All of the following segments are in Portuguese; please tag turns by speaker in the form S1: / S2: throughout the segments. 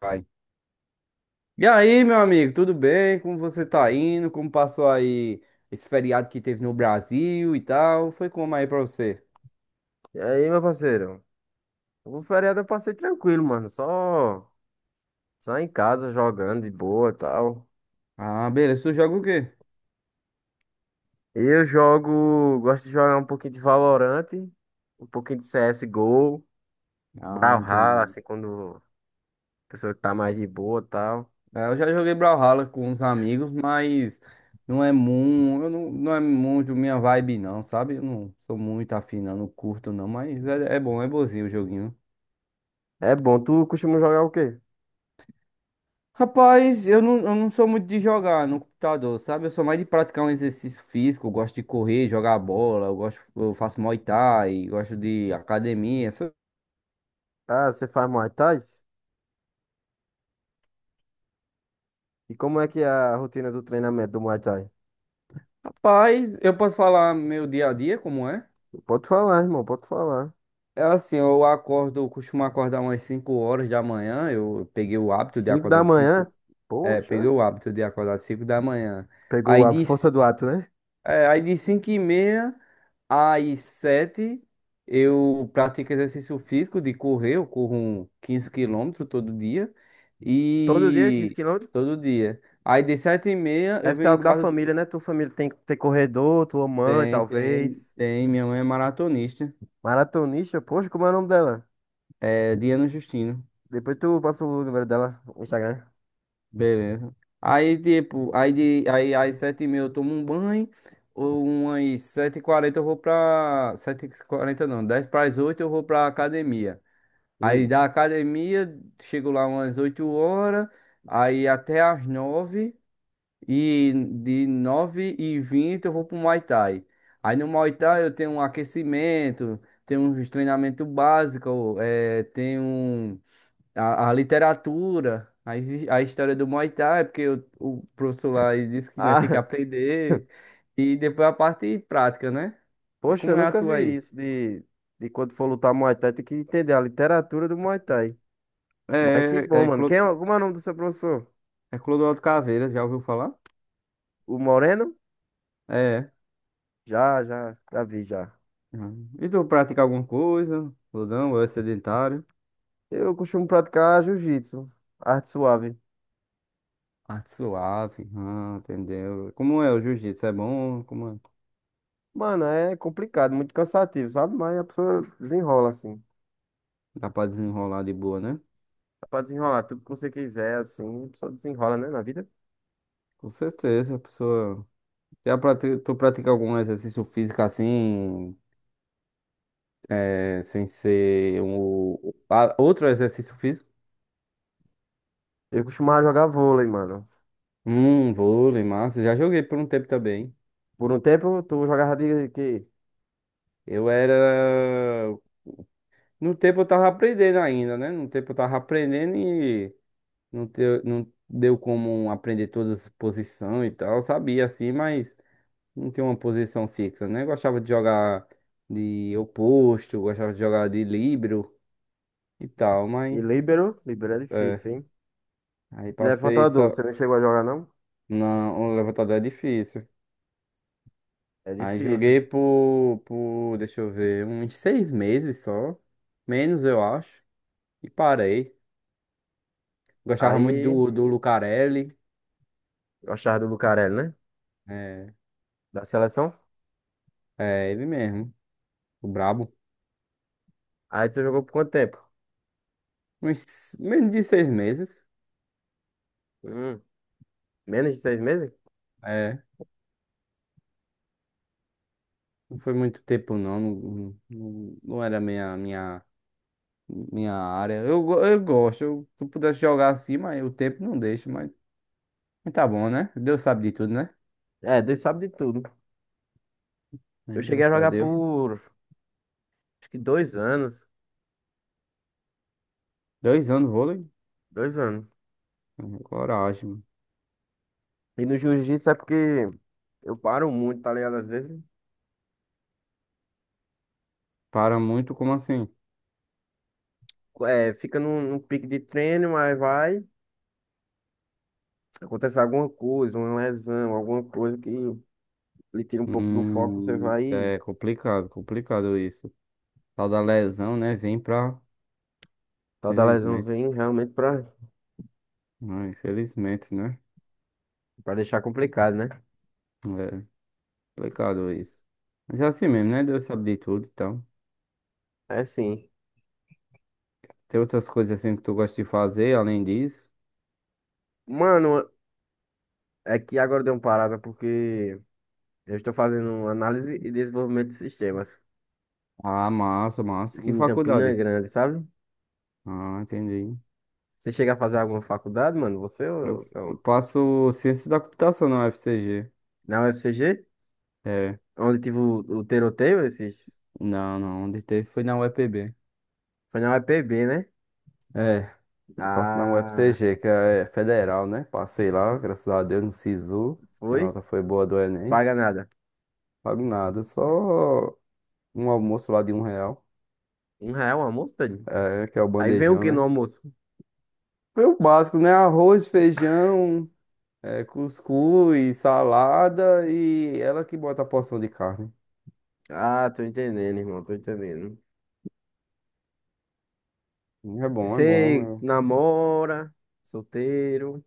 S1: Vai. E aí, meu amigo, tudo bem? Como você tá indo? Como passou aí esse feriado que teve no Brasil e tal? Foi como aí pra você?
S2: E aí, meu parceiro? O feriado eu passei tranquilo, mano. Só em casa jogando de boa e tal.
S1: Ah, beleza. Tu joga o quê?
S2: Eu jogo, gosto de jogar um pouquinho de Valorant, um pouquinho de CSGO,
S1: Ah,
S2: Brawlhalla,
S1: entendi.
S2: assim, quando a pessoa tá mais de boa e tal.
S1: É, eu já joguei Brawlhalla com uns amigos, mas não é muito, eu não, não é muito minha vibe, não, sabe? Eu não sou muito afim, não, não curto, não, mas é bom, é bonzinho o joguinho.
S2: É bom. Tu costuma jogar o quê?
S1: Rapaz, eu não sou muito de jogar no computador, sabe? Eu sou mais de praticar um exercício físico, eu gosto de correr, jogar bola, eu gosto, eu faço Muay Thai, gosto de academia.
S2: Ah, você faz Muay Thai? E como é que é a rotina do treinamento do Muay Thai?
S1: Rapaz, eu posso falar meu dia a dia, como é?
S2: Pode falar, irmão, pode falar.
S1: É assim, eu costumo acordar umas 5 horas da manhã, eu peguei o hábito de
S2: Cinco
S1: acordar
S2: da
S1: de
S2: manhã?
S1: 5. É, peguei
S2: Poxa,
S1: o hábito de acordar de 5 da manhã.
S2: pegou
S1: Aí
S2: a
S1: de,
S2: força
S1: c-
S2: do ato, né?
S1: aí de 5h30 às 7, eu pratico exercício físico de correr, eu corro um 15 km todo dia.
S2: Todo dia, quinze
S1: E
S2: km?
S1: todo dia. Aí de 7h30 eu
S2: Deve ser
S1: venho em
S2: algo da
S1: casa.
S2: família, né? Tua família tem que ter corredor, tua mãe,
S1: Tem, tem,
S2: talvez.
S1: tem, minha mãe é maratonista.
S2: Maratonista, poxa, como é o nome dela?
S1: É Diana Justino.
S2: Depois tu passa o número dela, o Instagram.
S1: Beleza. Aí, tipo, aí às 7h30 eu tomo um banho. Ou umas 7h40 eu vou pra, 7h40 não, 7h50 eu vou pra academia. Aí
S2: Hum.
S1: da academia, chego lá umas 8 horas, aí até às 9 e de 9h20 eu vou pro Muay Thai. Aí no Muay Thai eu tenho um aquecimento, tenho um treinamento básico, tenho a literatura, a história do Muay Thai, porque o professor lá ele disse que nós temos que
S2: Ah,
S1: aprender, e depois a parte prática, né? E
S2: poxa, eu
S1: como é a
S2: nunca
S1: tua
S2: vi
S1: aí?
S2: isso de quando for lutar Muay Thai, tem que entender a literatura do Muay Thai. Mas que
S1: É,
S2: bom,
S1: é, é,
S2: mano. Quem é, como é o nome do seu professor?
S1: Clodoaldo Caveira, já ouviu falar?
S2: O Moreno?
S1: É.
S2: Já, já, já vi, já.
S1: Ah. E tu pratica alguma coisa? Ou não? Ou é sedentário?
S2: Eu costumo praticar jiu-jitsu, arte suave.
S1: Arte suave. Ah, entendeu. Como é o jiu-jitsu? É bom? Como é?
S2: Mano, é complicado, muito cansativo, sabe? Mas a pessoa desenrola assim.
S1: Dá pra desenrolar de boa, né?
S2: Pode desenrolar tudo que você quiser, assim, só desenrola, né, na vida.
S1: Com certeza, a pessoa. Tu pratica algum exercício físico assim, sem ser um, outro exercício físico?
S2: Eu costumava jogar vôlei, mano.
S1: Vôlei, massa. Já joguei por um tempo também.
S2: Por um tempo, tu jogava de quê?
S1: Eu era. No tempo eu tava aprendendo ainda, né? No tempo eu tava aprendendo e Não deu como aprender todas as posições e tal. Eu sabia assim, mas não tinha uma posição fixa, né? Eu gostava de jogar de oposto, eu gostava de jogar de líbero e tal,
S2: E
S1: mas,
S2: líbero? Líbero é
S1: é,
S2: difícil, hein?
S1: aí
S2: E
S1: passei
S2: levantador,
S1: só.
S2: você não chegou a jogar, não?
S1: Não, um levantador é difícil.
S2: É
S1: Aí
S2: difícil.
S1: joguei por, deixa eu ver, uns 6 meses só, menos eu acho, e parei. Gostava muito
S2: Aí,
S1: do Lucarelli,
S2: gostava do Lucarelli, né?
S1: é,
S2: Da seleção.
S1: é ele mesmo, o brabo.
S2: Aí tu jogou por quanto tempo?
S1: Uns menos de 6 meses.
S2: Hum, menos de 6 meses?
S1: É. Não foi muito tempo, não. Não, não, não era minha, minha área. Eu gosto. Se eu pudesse jogar assim, mas o tempo não deixa. Mas tá bom, né? Deus sabe de tudo, né?
S2: É, Deus sabe de tudo.
S1: É,
S2: Eu cheguei a
S1: graças a
S2: jogar
S1: Deus.
S2: por acho que 2 anos.
S1: 2 anos vôlei?
S2: 2 anos.
S1: É, coragem, mano.
S2: E no jiu-jitsu é porque eu paro muito, tá ligado? Às vezes
S1: Para muito, como assim?
S2: é, fica num pique de treino, mas vai, acontece alguma coisa, uma lesão, alguma coisa que lhe tira um pouco do foco, você vai e
S1: É complicado, complicado isso. Tal da lesão, né? Vem pra.
S2: tal da lesão
S1: Felizmente.
S2: vem realmente
S1: Ah, infelizmente, né?
S2: pra deixar complicado, né?
S1: É. Complicado isso. Mas é assim mesmo, né? Deus sabe de tudo, então.
S2: É sim.
S1: Tem outras coisas assim que tu gosta de fazer além disso?
S2: Mano, é que agora deu uma parada porque eu estou fazendo análise e desenvolvimento de sistemas
S1: Ah, massa, massa. Que
S2: em Campina
S1: faculdade?
S2: Grande, sabe?
S1: Ah, entendi.
S2: Você chega a fazer alguma faculdade, mano? Você ou
S1: Eu
S2: não?
S1: eu faço ciência da computação na UFCG.
S2: Na UFCG?
S1: É,
S2: Onde tive o tiroteio esses?
S1: não, não. Onde teve foi na UEPB.
S2: Foi na UEPB, né?
S1: É, eu faço na
S2: Ah,
S1: UFCG, que é federal, né? Passei lá, graças a Deus, no SISU. Minha
S2: foi?
S1: nota foi boa do Enem.
S2: Paga nada.
S1: Pago nada, só um almoço lá de 1 real.
S2: 1 real o almoço, tadinho?
S1: É, que é o
S2: Aí vem o
S1: bandejão,
S2: que no
S1: né?
S2: almoço?
S1: Foi o básico, né? Arroz, feijão, cuscuz, salada e ela que bota a porção de carne.
S2: Ah, tô entendendo, irmão, tô entendendo.
S1: É
S2: E
S1: bom, é bom.
S2: você
S1: Eu...
S2: namora, solteiro,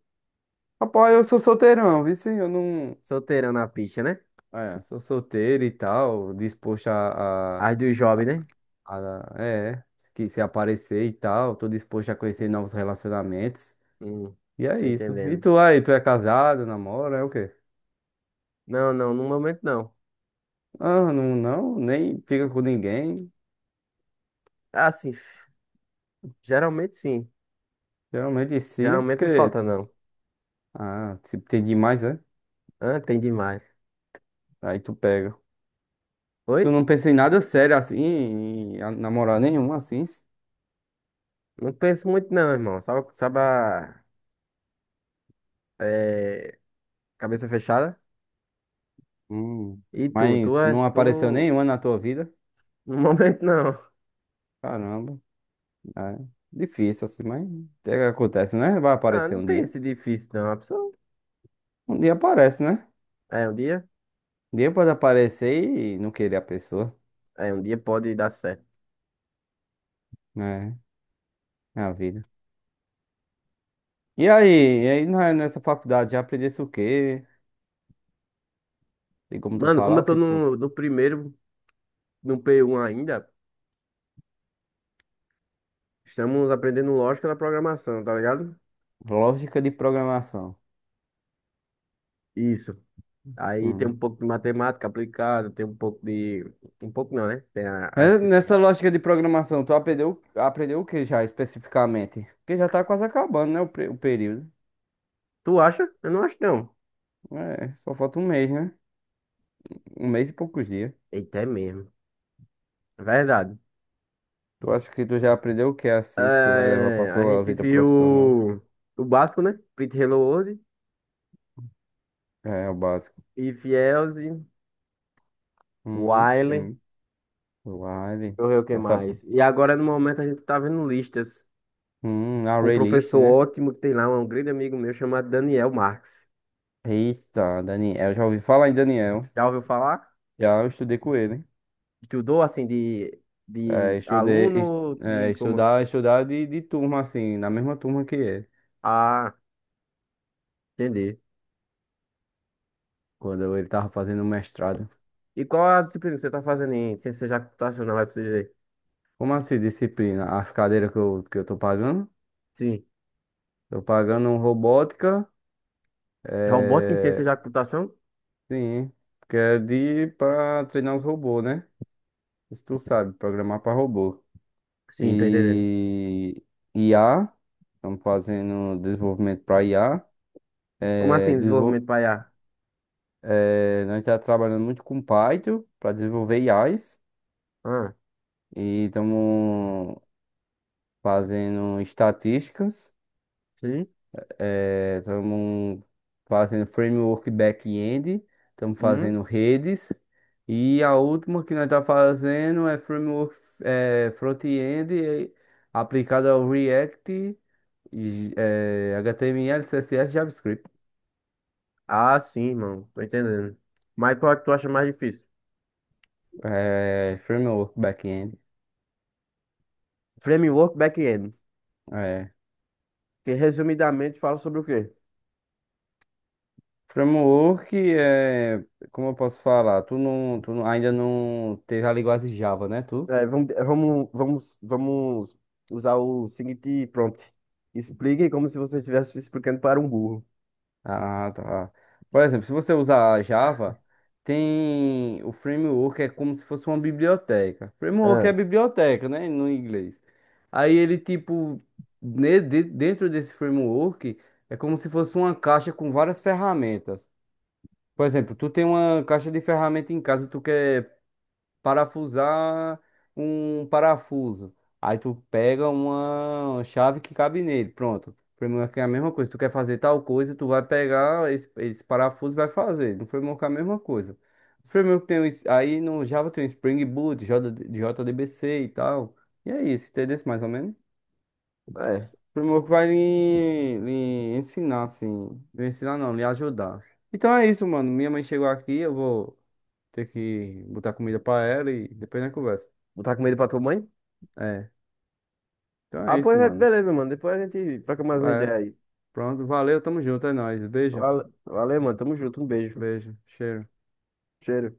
S1: Rapaz, eu sou solteirão, viu? Sim? Eu não.
S2: solteirão na picha, né?
S1: É, sou solteiro e tal, disposto
S2: As dos jovens, né?
S1: a- a- É, que se aparecer e tal, tô disposto a conhecer novos relacionamentos.
S2: Hum,
S1: E é
S2: tô
S1: isso. E
S2: entendendo.
S1: tu aí, tu é casado, namora, é o quê?
S2: Não, não, no momento não.
S1: Ah, não, não, nem fica com ninguém.
S2: Ah, sim. Geralmente sim.
S1: Geralmente sim,
S2: Geralmente não
S1: porque.
S2: falta, não.
S1: Ah, se tem demais, é?
S2: Ah, tem demais.
S1: Aí tu pega.
S2: Oi?
S1: Tu não pensa em nada sério assim, namorar nenhum assim,
S2: Não penso muito, não, irmão. Sabe, sabe a é, cabeça fechada?
S1: Hum,
S2: E tu?
S1: mas
S2: Tu é.
S1: não
S2: Tu.
S1: apareceu nenhuma na tua vida?
S2: No momento, não.
S1: Caramba, é difícil assim, mas é que acontece, né? Vai
S2: Ah,
S1: aparecer
S2: não
S1: um
S2: tem
S1: dia.
S2: esse difícil, não. A pessoa.
S1: Um dia aparece, né?
S2: É, um dia.
S1: Um dia pode aparecer e não querer a pessoa,
S2: É, um dia pode dar certo.
S1: né? É a vida. E aí, e aí, nessa faculdade já aprendesse o quê? E como tu
S2: Mano, como
S1: falar,
S2: eu
S1: o
S2: tô
S1: que tu-
S2: no primeiro, no P1 ainda, estamos aprendendo lógica da programação, tá ligado?
S1: Lógica de programação.
S2: Isso. Aí tem um
S1: Hum.
S2: pouco de matemática aplicada, tem um pouco de. Um pouco não, né? Tem a
S1: É,
S2: disciplina.
S1: nessa lógica de programação, tu aprendeu o que já especificamente? Porque já tá quase acabando, né? O período.
S2: Tu acha? Eu não acho, não.
S1: É, só falta 1 mês, né? Um mês e poucos dias.
S2: Eita, é mesmo. É verdade.
S1: Tu acha que tu já aprendeu o que é assim que tu vai levar pra
S2: É, a
S1: sua
S2: gente
S1: vida profissional?
S2: viu o básico, né? Pretty Hello World,
S1: É, é o básico.
S2: Fielze, Wiley, deixa
S1: Que... Wire.
S2: eu ver o que
S1: Já sabe.
S2: mais. E agora, no momento, a gente tá vendo listas
S1: A
S2: com um
S1: Raylist,
S2: professor
S1: né?
S2: ótimo que tem lá, um grande amigo meu chamado Daniel Marx.
S1: Eita, Daniel. Já ouvi falar em Daniel.
S2: Já ouviu falar?
S1: Já eu estudei com ele.
S2: Estudou, assim,
S1: É,
S2: de
S1: estudei, est-
S2: aluno,
S1: é,
S2: de como...
S1: estudar, estudar de turma, assim, na mesma turma que ele.
S2: Ah, entendi.
S1: Quando ele tava fazendo o mestrado.
S2: E qual a disciplina que você tá fazendo em ciência computacional, FCG?
S1: Como assim, disciplina? As cadeiras que eu tô pagando?
S2: Sim.
S1: Tô pagando robótica,
S2: Robótica em ciência
S1: é...
S2: da computação?
S1: sim, que é de para treinar os robôs, né? Isso tu sabe, programar para robô.
S2: Sim, tô entendendo.
S1: E IA, estamos fazendo desenvolvimento para IA.
S2: Como
S1: É,
S2: assim,
S1: desenvol...
S2: desenvolvimento para IA?
S1: Nós estamos trabalhando muito com Python para desenvolver IAs
S2: Ah,
S1: e estamos fazendo estatísticas.
S2: sim?
S1: Estamos fazendo framework back-end, estamos
S2: Hum?
S1: fazendo redes. E a última que nós estamos fazendo é framework front-end aplicado ao React, e, HTML, CSS, JavaScript.
S2: Ah, sim, mano. Tô entendendo. Mas qual é que tu acha mais difícil?
S1: Framework back-end.
S2: Framework back-end.
S1: É.
S2: Que resumidamente fala sobre o quê?
S1: Framework é, como eu posso falar, tu não- ainda não teve a linguagem Java, né, tu?
S2: É, vamos usar o seguinte prompt. Explique como se você estivesse explicando para um burro.
S1: Ah, tá. Por exemplo, se você usar Java, tem o framework, é como se fosse uma biblioteca. Framework
S2: Ah,
S1: é biblioteca, né? No inglês. Aí ele, tipo, dentro desse framework, é como se fosse uma caixa com várias ferramentas. Por exemplo, tu tem uma caixa de ferramenta em casa, tu quer parafusar um parafuso. Aí tu pega uma chave que cabe nele. Pronto. Framework é a mesma coisa. Tu quer fazer tal coisa, tu vai pegar esse parafuso e vai fazer. No framework é a mesma coisa. O framework tem um, es- aí no Java tem o Spring Boot, JDBC e tal. E é isso, entendeu? Mais ou menos. O
S2: é.
S1: framework vai lhe ensinar, assim. Lhe ensinar não, lhe ajudar. Então é isso, mano. Minha mãe chegou aqui, eu vou ter que botar comida pra ela e depois a gente conversa.
S2: Botar comida pra tua mãe?
S1: É. Então
S2: Ah,
S1: é isso,
S2: pois é,
S1: mano.
S2: beleza, mano. Depois a gente troca mais uma ideia
S1: É.
S2: aí.
S1: Pronto, valeu, tamo junto, é nóis. Beijo,
S2: Valeu, mano. Tamo junto. Um beijo.
S1: beijo, cheiro.
S2: Cheiro.